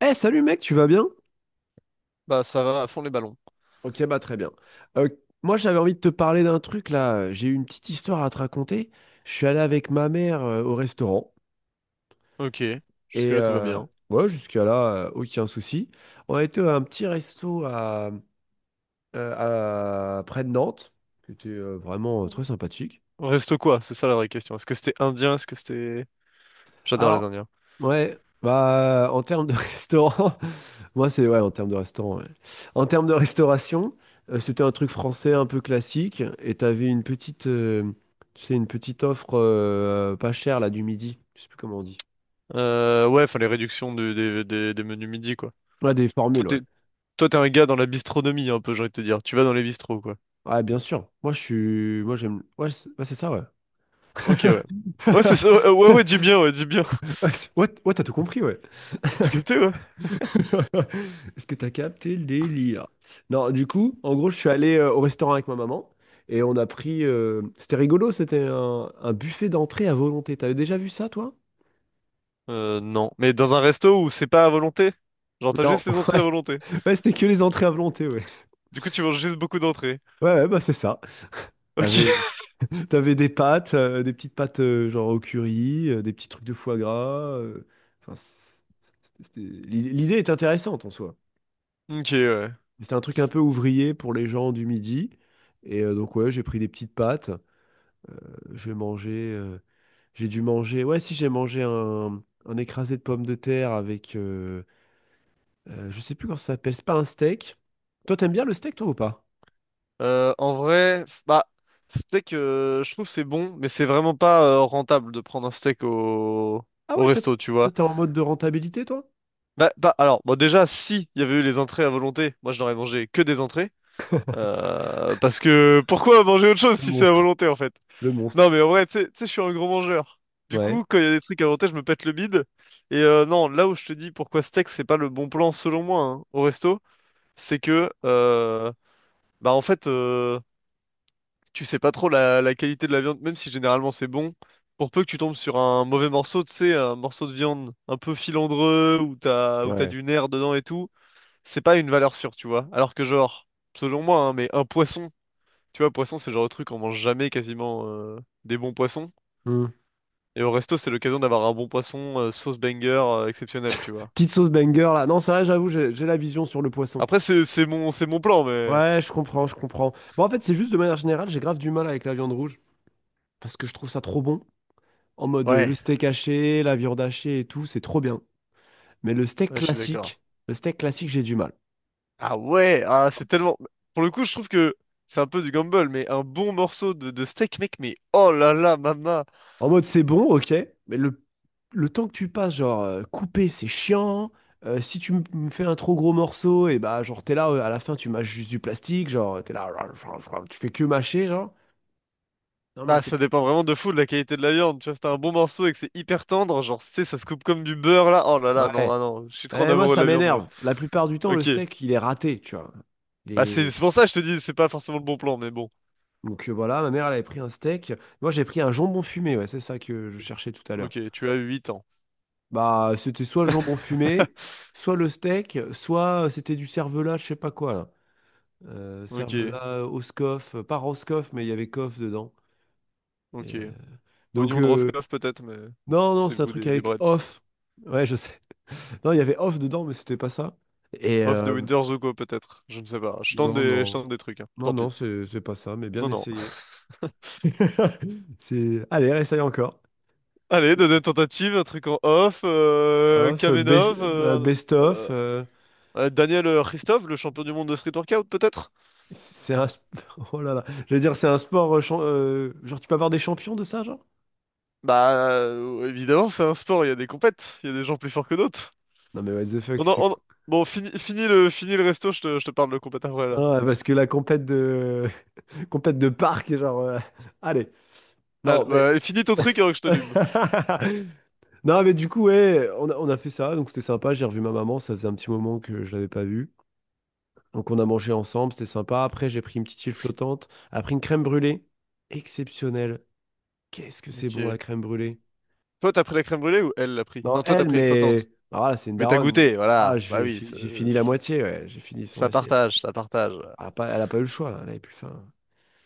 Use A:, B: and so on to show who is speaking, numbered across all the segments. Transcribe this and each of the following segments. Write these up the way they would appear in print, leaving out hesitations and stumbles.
A: Eh, salut mec, tu vas bien?
B: Bah, ça va à fond les ballons.
A: Ok, bah très bien. Euh, Moi j'avais envie de te parler d'un truc là. J'ai eu une petite histoire à te raconter. Je suis allé avec ma mère au restaurant,
B: Ok,
A: et
B: jusque-là tout va bien.
A: ouais, jusqu'à là, aucun souci. On a été à un petit resto à, près de Nantes, qui était vraiment très
B: Mhm.
A: sympathique.
B: Reste quoi? C'est ça la vraie question. Est-ce que c'était indien? Est-ce que c'était... J'adore les
A: Alors,
B: Indiens.
A: ouais, bah, en termes de restaurant, moi c'est ouais, en termes de restaurant. Ouais. En termes de restauration, c'était un truc français un peu classique, et t'avais une petite, tu sais, une petite offre pas chère là du midi. Je sais plus comment on dit.
B: Ouais, enfin les réductions des menus midi, quoi.
A: Ouais, des
B: Toi,
A: formules, ouais.
B: t'es, Toi, t'es un gars dans la bistronomie, un peu, j'ai envie de te dire. Tu vas dans les bistros, quoi.
A: Ouais, bien sûr. Moi j'aime, ouais, c'est ça, ouais.
B: Ok, ouais. Ouais, c'est ça. Ouais, ouais, ouais, dis bien, ouais, dis bien.
A: Ouais, ouais, ouais, t'as tout compris, ouais.
B: T'as tout capté, ouais.
A: Est-ce que t'as capté le délire? Non, du coup, en gros, je suis allé au restaurant avec ma maman et on a pris. C'était rigolo, c'était un buffet d'entrée à volonté. T'avais déjà vu ça, toi?
B: Non. Mais dans un resto où c'est pas à volonté? Genre, t'as
A: Non.
B: juste les entrées à
A: Ouais,
B: volonté.
A: ouais, c'était que les entrées à volonté, ouais.
B: Du coup, tu manges juste beaucoup d'entrées.
A: Ouais, ouais, bah c'est ça.
B: Ok.
A: T'avais, T'avais des pâtes, des petites pâtes genre au curry, des petits trucs de foie gras. euh, enfin, l'idée est intéressante en soi.
B: Ok, ouais.
A: C'était un truc un peu ouvrier pour les gens du midi. Et donc, ouais, j'ai pris des petites pâtes. J'ai mangé, euh, j'ai dû manger. Ouais, si j'ai mangé un écrasé de pommes de terre avec, je sais plus comment ça s'appelle, c'est pas un steak. Toi, t'aimes bien le steak, toi ou pas?
B: En vrai, f- bah, Steak, je trouve que c'est bon, mais c'est vraiment pas rentable de prendre un steak
A: Ah
B: au
A: ouais, toi,
B: resto, tu
A: toi,
B: vois.
A: t'es en mode de rentabilité, toi?
B: Bah, bah, alors, bon, déjà, si il y avait eu les entrées à volonté, moi je n'aurais mangé que des entrées. Parce que pourquoi manger autre chose
A: Le
B: si c'est à
A: monstre,
B: volonté en fait?
A: le
B: Non,
A: monstre.
B: mais en vrai, tu sais, je suis un gros mangeur. Du
A: Ouais,
B: coup, quand il y a des trucs à volonté, je me pète le bide. Non, là où je te dis pourquoi steak, c'est pas le bon plan selon moi hein, au resto, c'est que, bah en fait. Tu sais pas trop la qualité de la viande, même si généralement c'est bon. Pour peu que tu tombes sur un mauvais morceau, tu sais, un morceau de viande un peu filandreux, où t'as
A: ouais.
B: du nerf dedans et tout, c'est pas une valeur sûre, tu vois. Alors que genre, selon moi, hein, mais un poisson, tu vois, poisson c'est le genre de truc on mange jamais quasiment des bons poissons.
A: Hmm.
B: Et au resto, c'est l'occasion d'avoir un bon poisson, sauce banger, exceptionnelle, tu vois.
A: Petite sauce banger là. Non, c'est vrai, j'avoue, j'ai la vision sur le poisson.
B: Après, c'est mon plan, mais
A: Ouais, je comprends, je comprends. Bon, en fait, c'est juste de manière générale, j'ai grave du mal avec la viande rouge, parce que je trouve ça trop bon. En mode le
B: ouais,
A: steak haché, la viande hachée et tout, c'est trop bien. Mais
B: ouais, je suis d'accord.
A: le steak classique, j'ai du mal.
B: Ah ouais, ah c'est tellement. Pour le coup, je trouve que c'est un peu du gamble, mais un bon morceau de steak, mec, mais oh là là, maman!
A: En mode, c'est bon, ok, mais le temps que tu passes, genre, couper, c'est chiant. Si tu me fais un trop gros morceau, et bah, genre, t'es là, à la fin, tu mâches juste du plastique, genre, t'es là, tu fais que mâcher, genre. Non, moi,
B: Bah,
A: c'est.
B: ça dépend vraiment de fou de la qualité de la viande. Tu vois, si t'as un bon morceau et que c'est hyper tendre, genre, tu sais, ça se coupe comme du beurre là. Oh là là, non,
A: Ouais.
B: ah non, je suis trop en
A: Eh, moi,
B: amoureux de
A: ça
B: la viande, moi.
A: m'énerve. La plupart du temps, le
B: Ok.
A: steak, il est raté, tu vois.
B: Bah,
A: Les...
B: c'est pour ça que je te dis, c'est pas forcément le bon plan, mais bon.
A: Donc, voilà, ma mère, elle avait pris un steak. Moi, j'ai pris un jambon fumé, ouais, c'est ça que je cherchais tout à l'heure.
B: Ok, tu as 8 ans.
A: Bah, c'était soit le jambon fumé, soit le steak, soit c'était du cervelas, je sais pas quoi, là.
B: Ok,
A: Cervelas Oscoff, pas Roscoff, mais il y avait coff dedans. Et,
B: ok.
A: euh, donc,
B: Oignon de
A: euh,
B: Roscoff, peut-être, mais
A: non, non,
B: c'est le
A: c'est un
B: goût
A: truc
B: des
A: avec
B: Bretts.
A: off. Ouais, je sais. Non, il y avait off dedans, mais c'était pas ça. Et
B: Off de
A: euh,
B: Winter Zuko, peut-être. Je ne sais pas.
A: non,
B: Je
A: non,
B: tente des trucs, hein.
A: non,
B: Tant
A: non,
B: pis.
A: c'est pas ça, mais bien
B: Non, non.
A: essayé. C'est... Allez, réessaye encore.
B: Allez, deuxième tentative, un truc en off,
A: Off, best,
B: Kamenov,
A: Best of.
B: euh, Daniel Christophe, le champion du monde de street workout peut-être?
A: C'est un... sp- Oh là là. J'allais dire, c'est un sport... Genre, tu peux avoir des champions de ça, genre?
B: Évidemment, c'est un sport, il y a des compètes, il y a des gens plus forts que d'autres.
A: Non, mais what the fuck,
B: On en-
A: c'est...
B: on-
A: quoi.
B: Bon, fini le resto, je te parle de compète après là.
A: Non, parce que la compète de... Compète de parc, genre... Allez.
B: Ah,
A: Non, mais...
B: bah, finis ton truc avant que je t'allume.
A: Non, mais du coup, ouais, on a fait ça, donc c'était sympa. J'ai revu ma maman, ça faisait un petit moment que je l'avais pas vue. Donc on a mangé ensemble, c'était sympa. Après, j'ai pris une petite île flottante, après une crème brûlée. Exceptionnelle. Qu'est-ce que c'est bon la
B: Ok.
A: crème brûlée?
B: Toi, t'as pris la crème brûlée ou elle l'a pris?
A: Non,
B: Non, toi, t'as
A: elle,
B: pris le
A: mais
B: flottante.
A: ah, voilà, c'est une
B: Mais t'as
A: daronne.
B: goûté,
A: Voilà,
B: voilà. Bah oui,
A: j'ai fini la
B: c'est-
A: moitié, ouais. J'ai fini son
B: ça
A: assiette.
B: partage, ça partage.
A: Elle a pas eu le choix, elle avait plus faim.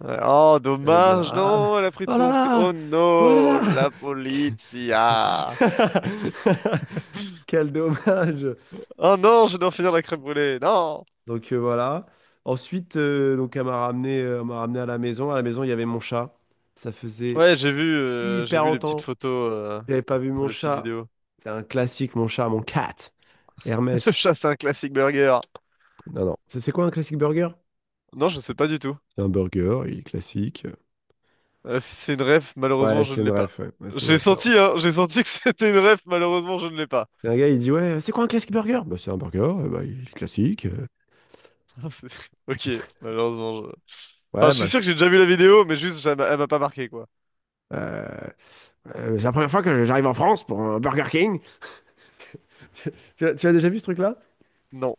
B: Ouais, oh,
A: Elle est bien.
B: dommage,
A: Ah, bah,
B: non, elle a pris
A: oh
B: trop
A: là
B: d'entrée.
A: là!
B: Oh
A: Oh là
B: non,
A: là!
B: la polizia.
A: Quel dommage!
B: Oh non, je dois finir la crème brûlée, non.
A: Donc voilà. Ensuite, donc elle m'a ramené à la maison. À la maison, il y avait mon chat. Ça faisait
B: Ouais, j'ai
A: hyper
B: vu les petites
A: longtemps que
B: photos,
A: j'avais pas vu
B: enfin,
A: mon
B: les petites
A: chat.
B: vidéos.
A: C'est un classique, mon chat, mon cat.
B: Le
A: Hermès.
B: chat, c'est un classique burger.
A: Non, non. C'est quoi un classique burger?
B: Non, je sais pas du tout.
A: C'est un burger, il est classique.
B: Si c'est une ref,
A: Ouais,
B: malheureusement, je
A: c'est
B: ne
A: une
B: l'ai pas.
A: ref, ouais. Ouais, c'est une
B: J'ai
A: ref. Ouais.
B: senti, hein, j'ai senti que c'était une ref, malheureusement, je ne l'ai pas.
A: C'est un gars, il dit, ouais, c'est quoi un classique burger? Bah, c'est un burger, bah, il est classique.
B: Ok, malheureusement, je... Enfin,
A: Ouais,
B: je
A: bah,
B: suis sûr que j'ai déjà vu la vidéo, mais juste, elle m'a pas marqué, quoi.
A: euh, c'est la première fois que j'arrive en France pour un Burger King. Tu as déjà vu ce truc-là?
B: Non.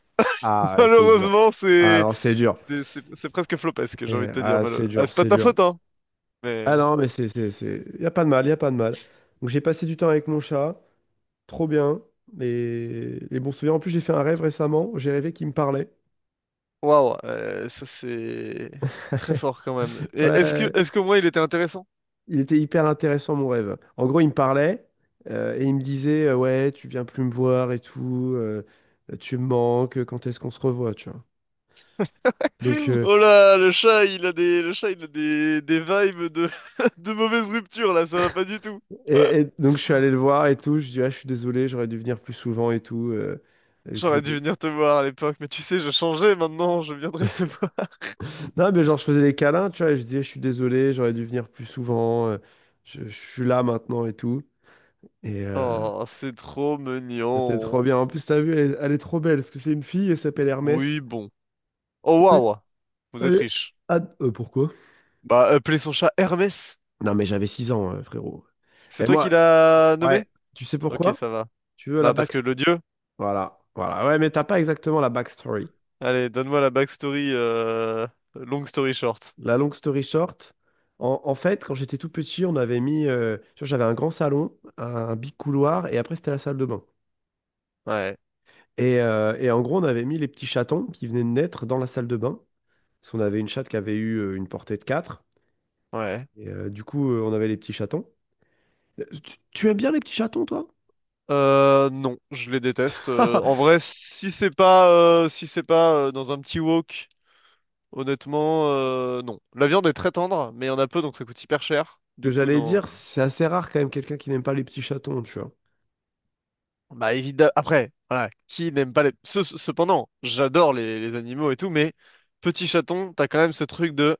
A: Ah, ouais, c'est dur.
B: Malheureusement,
A: Ah
B: c'est...
A: non, c'est dur.
B: C'est presque flopesque, j'ai envie
A: Eh,
B: de te dire.
A: ah,
B: Malo.
A: c'est
B: Ah,
A: dur,
B: c'est pas
A: c'est
B: de ta
A: dur.
B: faute, hein.
A: Ah
B: Mais
A: non, mais c'est... Y a pas de mal, y a pas de mal. Donc j'ai passé du temps avec mon chat, trop bien. Les bons souvenirs. En plus, j'ai fait un rêve récemment. J'ai rêvé qu'il me parlait.
B: waouh, ça c'est très fort quand même. Et
A: Ouais.
B: est-ce qu'au moins il était intéressant?
A: Il était hyper intéressant, mon rêve. En gros, il me parlait et il me disait, ouais, tu viens plus me voir et tout, tu me manques, quand est-ce qu'on se revoit, tu vois. Donc,
B: Oh là, le chat, il a des vibes de mauvaise rupture là, ça va pas du tout.
A: et donc, je suis allé le voir et tout. Je dis, ah, je suis désolé, j'aurais dû venir plus souvent et tout. Et que je-
B: J'aurais dû venir te voir à l'époque, mais tu sais, je changeais maintenant, je viendrai te voir.
A: Non, mais genre, je faisais les câlins, tu vois, et je disais, je suis désolé, j'aurais dû venir plus souvent, je suis là maintenant et tout. Et
B: Oh, c'est trop
A: c'était trop
B: mignon.
A: bien. En plus, t'as vu, elle est trop belle, parce que c'est une fille, elle s'appelle Hermès.
B: Oui, bon. Oh
A: Elle
B: waouh, vous êtes
A: est-
B: riche.
A: elle Pourquoi?
B: Bah, appelez son chat Hermès.
A: Non, mais j'avais 6 ans, frérot.
B: C'est
A: Et
B: toi qui
A: moi,
B: l'as
A: ouais,
B: nommé?
A: tu sais
B: Ok,
A: pourquoi?
B: ça va.
A: Tu veux la
B: Bah parce que
A: backstory.
B: le dieu.
A: Voilà, voilà. Ouais, mais t'as pas exactement la backstory.
B: Allez, donne-moi la backstory, long story short.
A: La long story short, en fait, quand j'étais tout petit, on avait mis. Tu vois, j'avais un grand salon, un big couloir, et après, c'était la salle de bain.
B: Ouais,
A: Et en gros, on avait mis les petits chatons qui venaient de naître dans la salle de bain. Parce qu'on avait une chatte qui avait eu une portée de 4.
B: ouais.
A: Et du coup, on avait les petits chatons. Tu aimes bien les petits chatons, toi?
B: Non, je les déteste. En
A: Ce
B: vrai, si c'est pas, Si c'est pas dans un petit wok, honnêtement, non. La viande est très tendre, mais il y en a peu, donc ça coûte hyper cher.
A: que
B: Du coup,
A: j'allais
B: non.
A: dire, c'est assez rare quand même quelqu'un qui n'aime pas les petits chatons, tu vois.
B: Bah évidemment. Après, voilà, qui n'aime pas les. Cependant, j'adore les animaux et tout, mais petit chaton, t'as quand même ce truc de.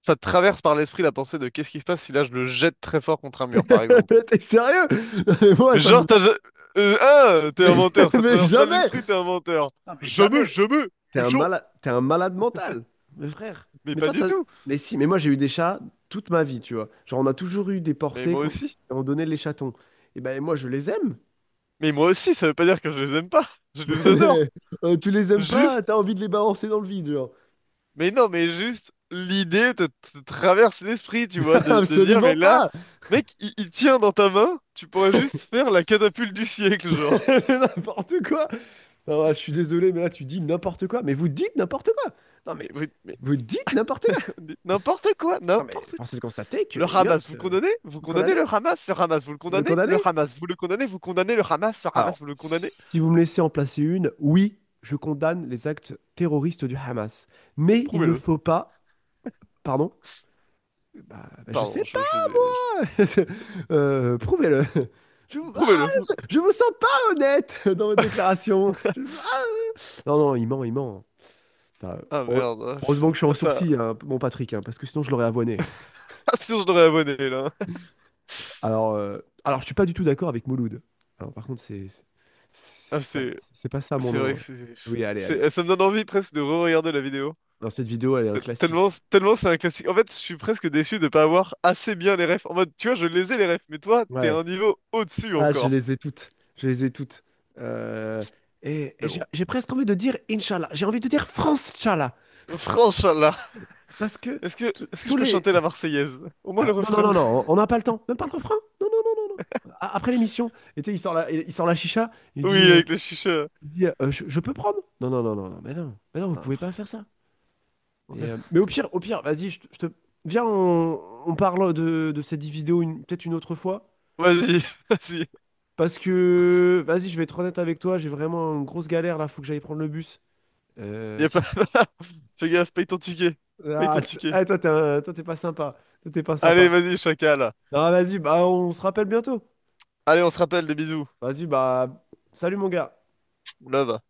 B: Ça te traverse par l'esprit la pensée de qu'est-ce qui se passe si là je le jette très fort contre un mur, par exemple.
A: T'es sérieux? Non, mais moi,
B: Mais
A: ça me.
B: genre, t'as... ja- ah, t'es
A: Mais,
B: un menteur, ça te
A: mais
B: traverse pas
A: jamais!
B: l'esprit, t'es un menteur.
A: Non, mais
B: Jamais,
A: jamais!
B: jamais, méchant.
A: T'es un malade mental, mes frères.
B: Mais
A: Mais
B: pas
A: toi,
B: du
A: ça.
B: tout.
A: Mais si, mais moi, j'ai eu des chats toute ma vie, tu vois. Genre, on a toujours eu des
B: Mais
A: portées
B: moi
A: qu'on
B: aussi.
A: on donnait les chatons. Et ben, moi, je les aime.
B: Mais moi aussi, ça veut pas dire que je les aime pas. Je les adore.
A: Mais tu les aimes pas,
B: Juste,
A: t'as envie de les balancer dans le vide, genre.
B: mais non, mais juste, te traverse l'esprit, tu vois, de dire, mais
A: Absolument
B: là,
A: pas!
B: mec, il tient dans ta main, tu pourrais juste faire la catapulte du siècle, genre.
A: Mais n'importe quoi! Non, je suis désolé, mais là, tu dis n'importe quoi. Mais vous dites n'importe quoi! Non, mais
B: Mais, mais, mais-
A: vous dites n'importe quoi!
B: mais n'importe quoi,
A: Non, mais
B: n'importe quoi.
A: force est de constater que
B: Le
A: Elliot,
B: Hamas, vous le condamnez? Vous condamnez
A: condamné.
B: le Hamas? Le Hamas, vous le
A: Le
B: condamnez? Le
A: condamner?
B: Hamas, vous le condamnez? Vous condamnez le Hamas? Le Hamas,
A: Alors,
B: vous le condamnez?
A: si vous me laissez en placer une, oui, je condamne les actes terroristes du Hamas. Mais il ne
B: Prouvez-le.
A: faut pas... Pardon? Bah, je
B: Pardon,
A: sais
B: je vous ai...
A: pas. Prouvez-le. Je vous...
B: Prouvez-le.
A: ah, je vous sens pas honnête dans votre déclaration. Non, non, il ment, il ment. Putain,
B: Ah
A: heure-
B: merde.
A: heureusement que je suis en
B: Ah, ça...
A: sourcil, hein, mon Patrick, hein, parce que sinon je l'aurais avoiné. Hein.
B: Ah, sûr, je l'aurais abonné, là.
A: Alors, je suis pas du tout d'accord avec Mouloud. Alors, par contre,
B: Ah,
A: c'est pas,
B: c'est...
A: c'est pas ça mon
B: C'est vrai
A: nom.
B: que
A: Hein.
B: c'est...
A: Oui, allez, allez.
B: Ça me donne envie presque de re-regarder la vidéo.
A: Dans cette vidéo, elle est un classique.
B: Tellement, tellement c'est un classique. En fait, je suis presque déçu de pas avoir assez bien les refs. En mode, tu vois, je les ai les refs, mais toi, t'es
A: Ouais.
B: un niveau au-dessus
A: Ah, je
B: encore.
A: les ai toutes. Je les ai toutes. Euh, et
B: Mais
A: et j'ai
B: bon.
A: j'ai presque envie de dire Inch'Allah. J'ai envie de dire France Inch'Allah.
B: Franchement,
A: Parce que
B: Est-ce que
A: tous
B: je peux
A: les.
B: chanter la Marseillaise? Au moins le
A: Ah, non, non,
B: refrain.
A: non, non, on n'a pas le temps. Même pas le refrain. Non, non, non. Non. Après l'émission, et tu sais, il sort il sort la chicha.
B: Oui, avec le chicha.
A: Il dit, je peux prendre? Non, non, non, non, non, mais non. Mais non, vous
B: Ah,
A: pouvez pas
B: pff.
A: faire ça.
B: Ouais.
A: Mais au pire, vas-y, Viens, on parle de cette vidéo peut-être une autre fois.
B: Vas-y, vas-y.
A: Parce que, vas-y, je vais être honnête avec toi, j'ai vraiment une grosse galère là, faut que j'aille prendre le bus.
B: Y
A: Euh,
B: a
A: si...
B: pas... Fais
A: si-
B: gaffe, paye ton ticket. Paye
A: Ah,
B: ton ticket.
A: ah, toi, toi, t'es pas sympa. Toi, t'es pas
B: Allez,
A: sympa.
B: vas-y, chacal.
A: Non, vas-y, bah, on se rappelle bientôt.
B: Allez, on se rappelle, des bisous.
A: Vas-y, bah, salut, mon gars.
B: Love.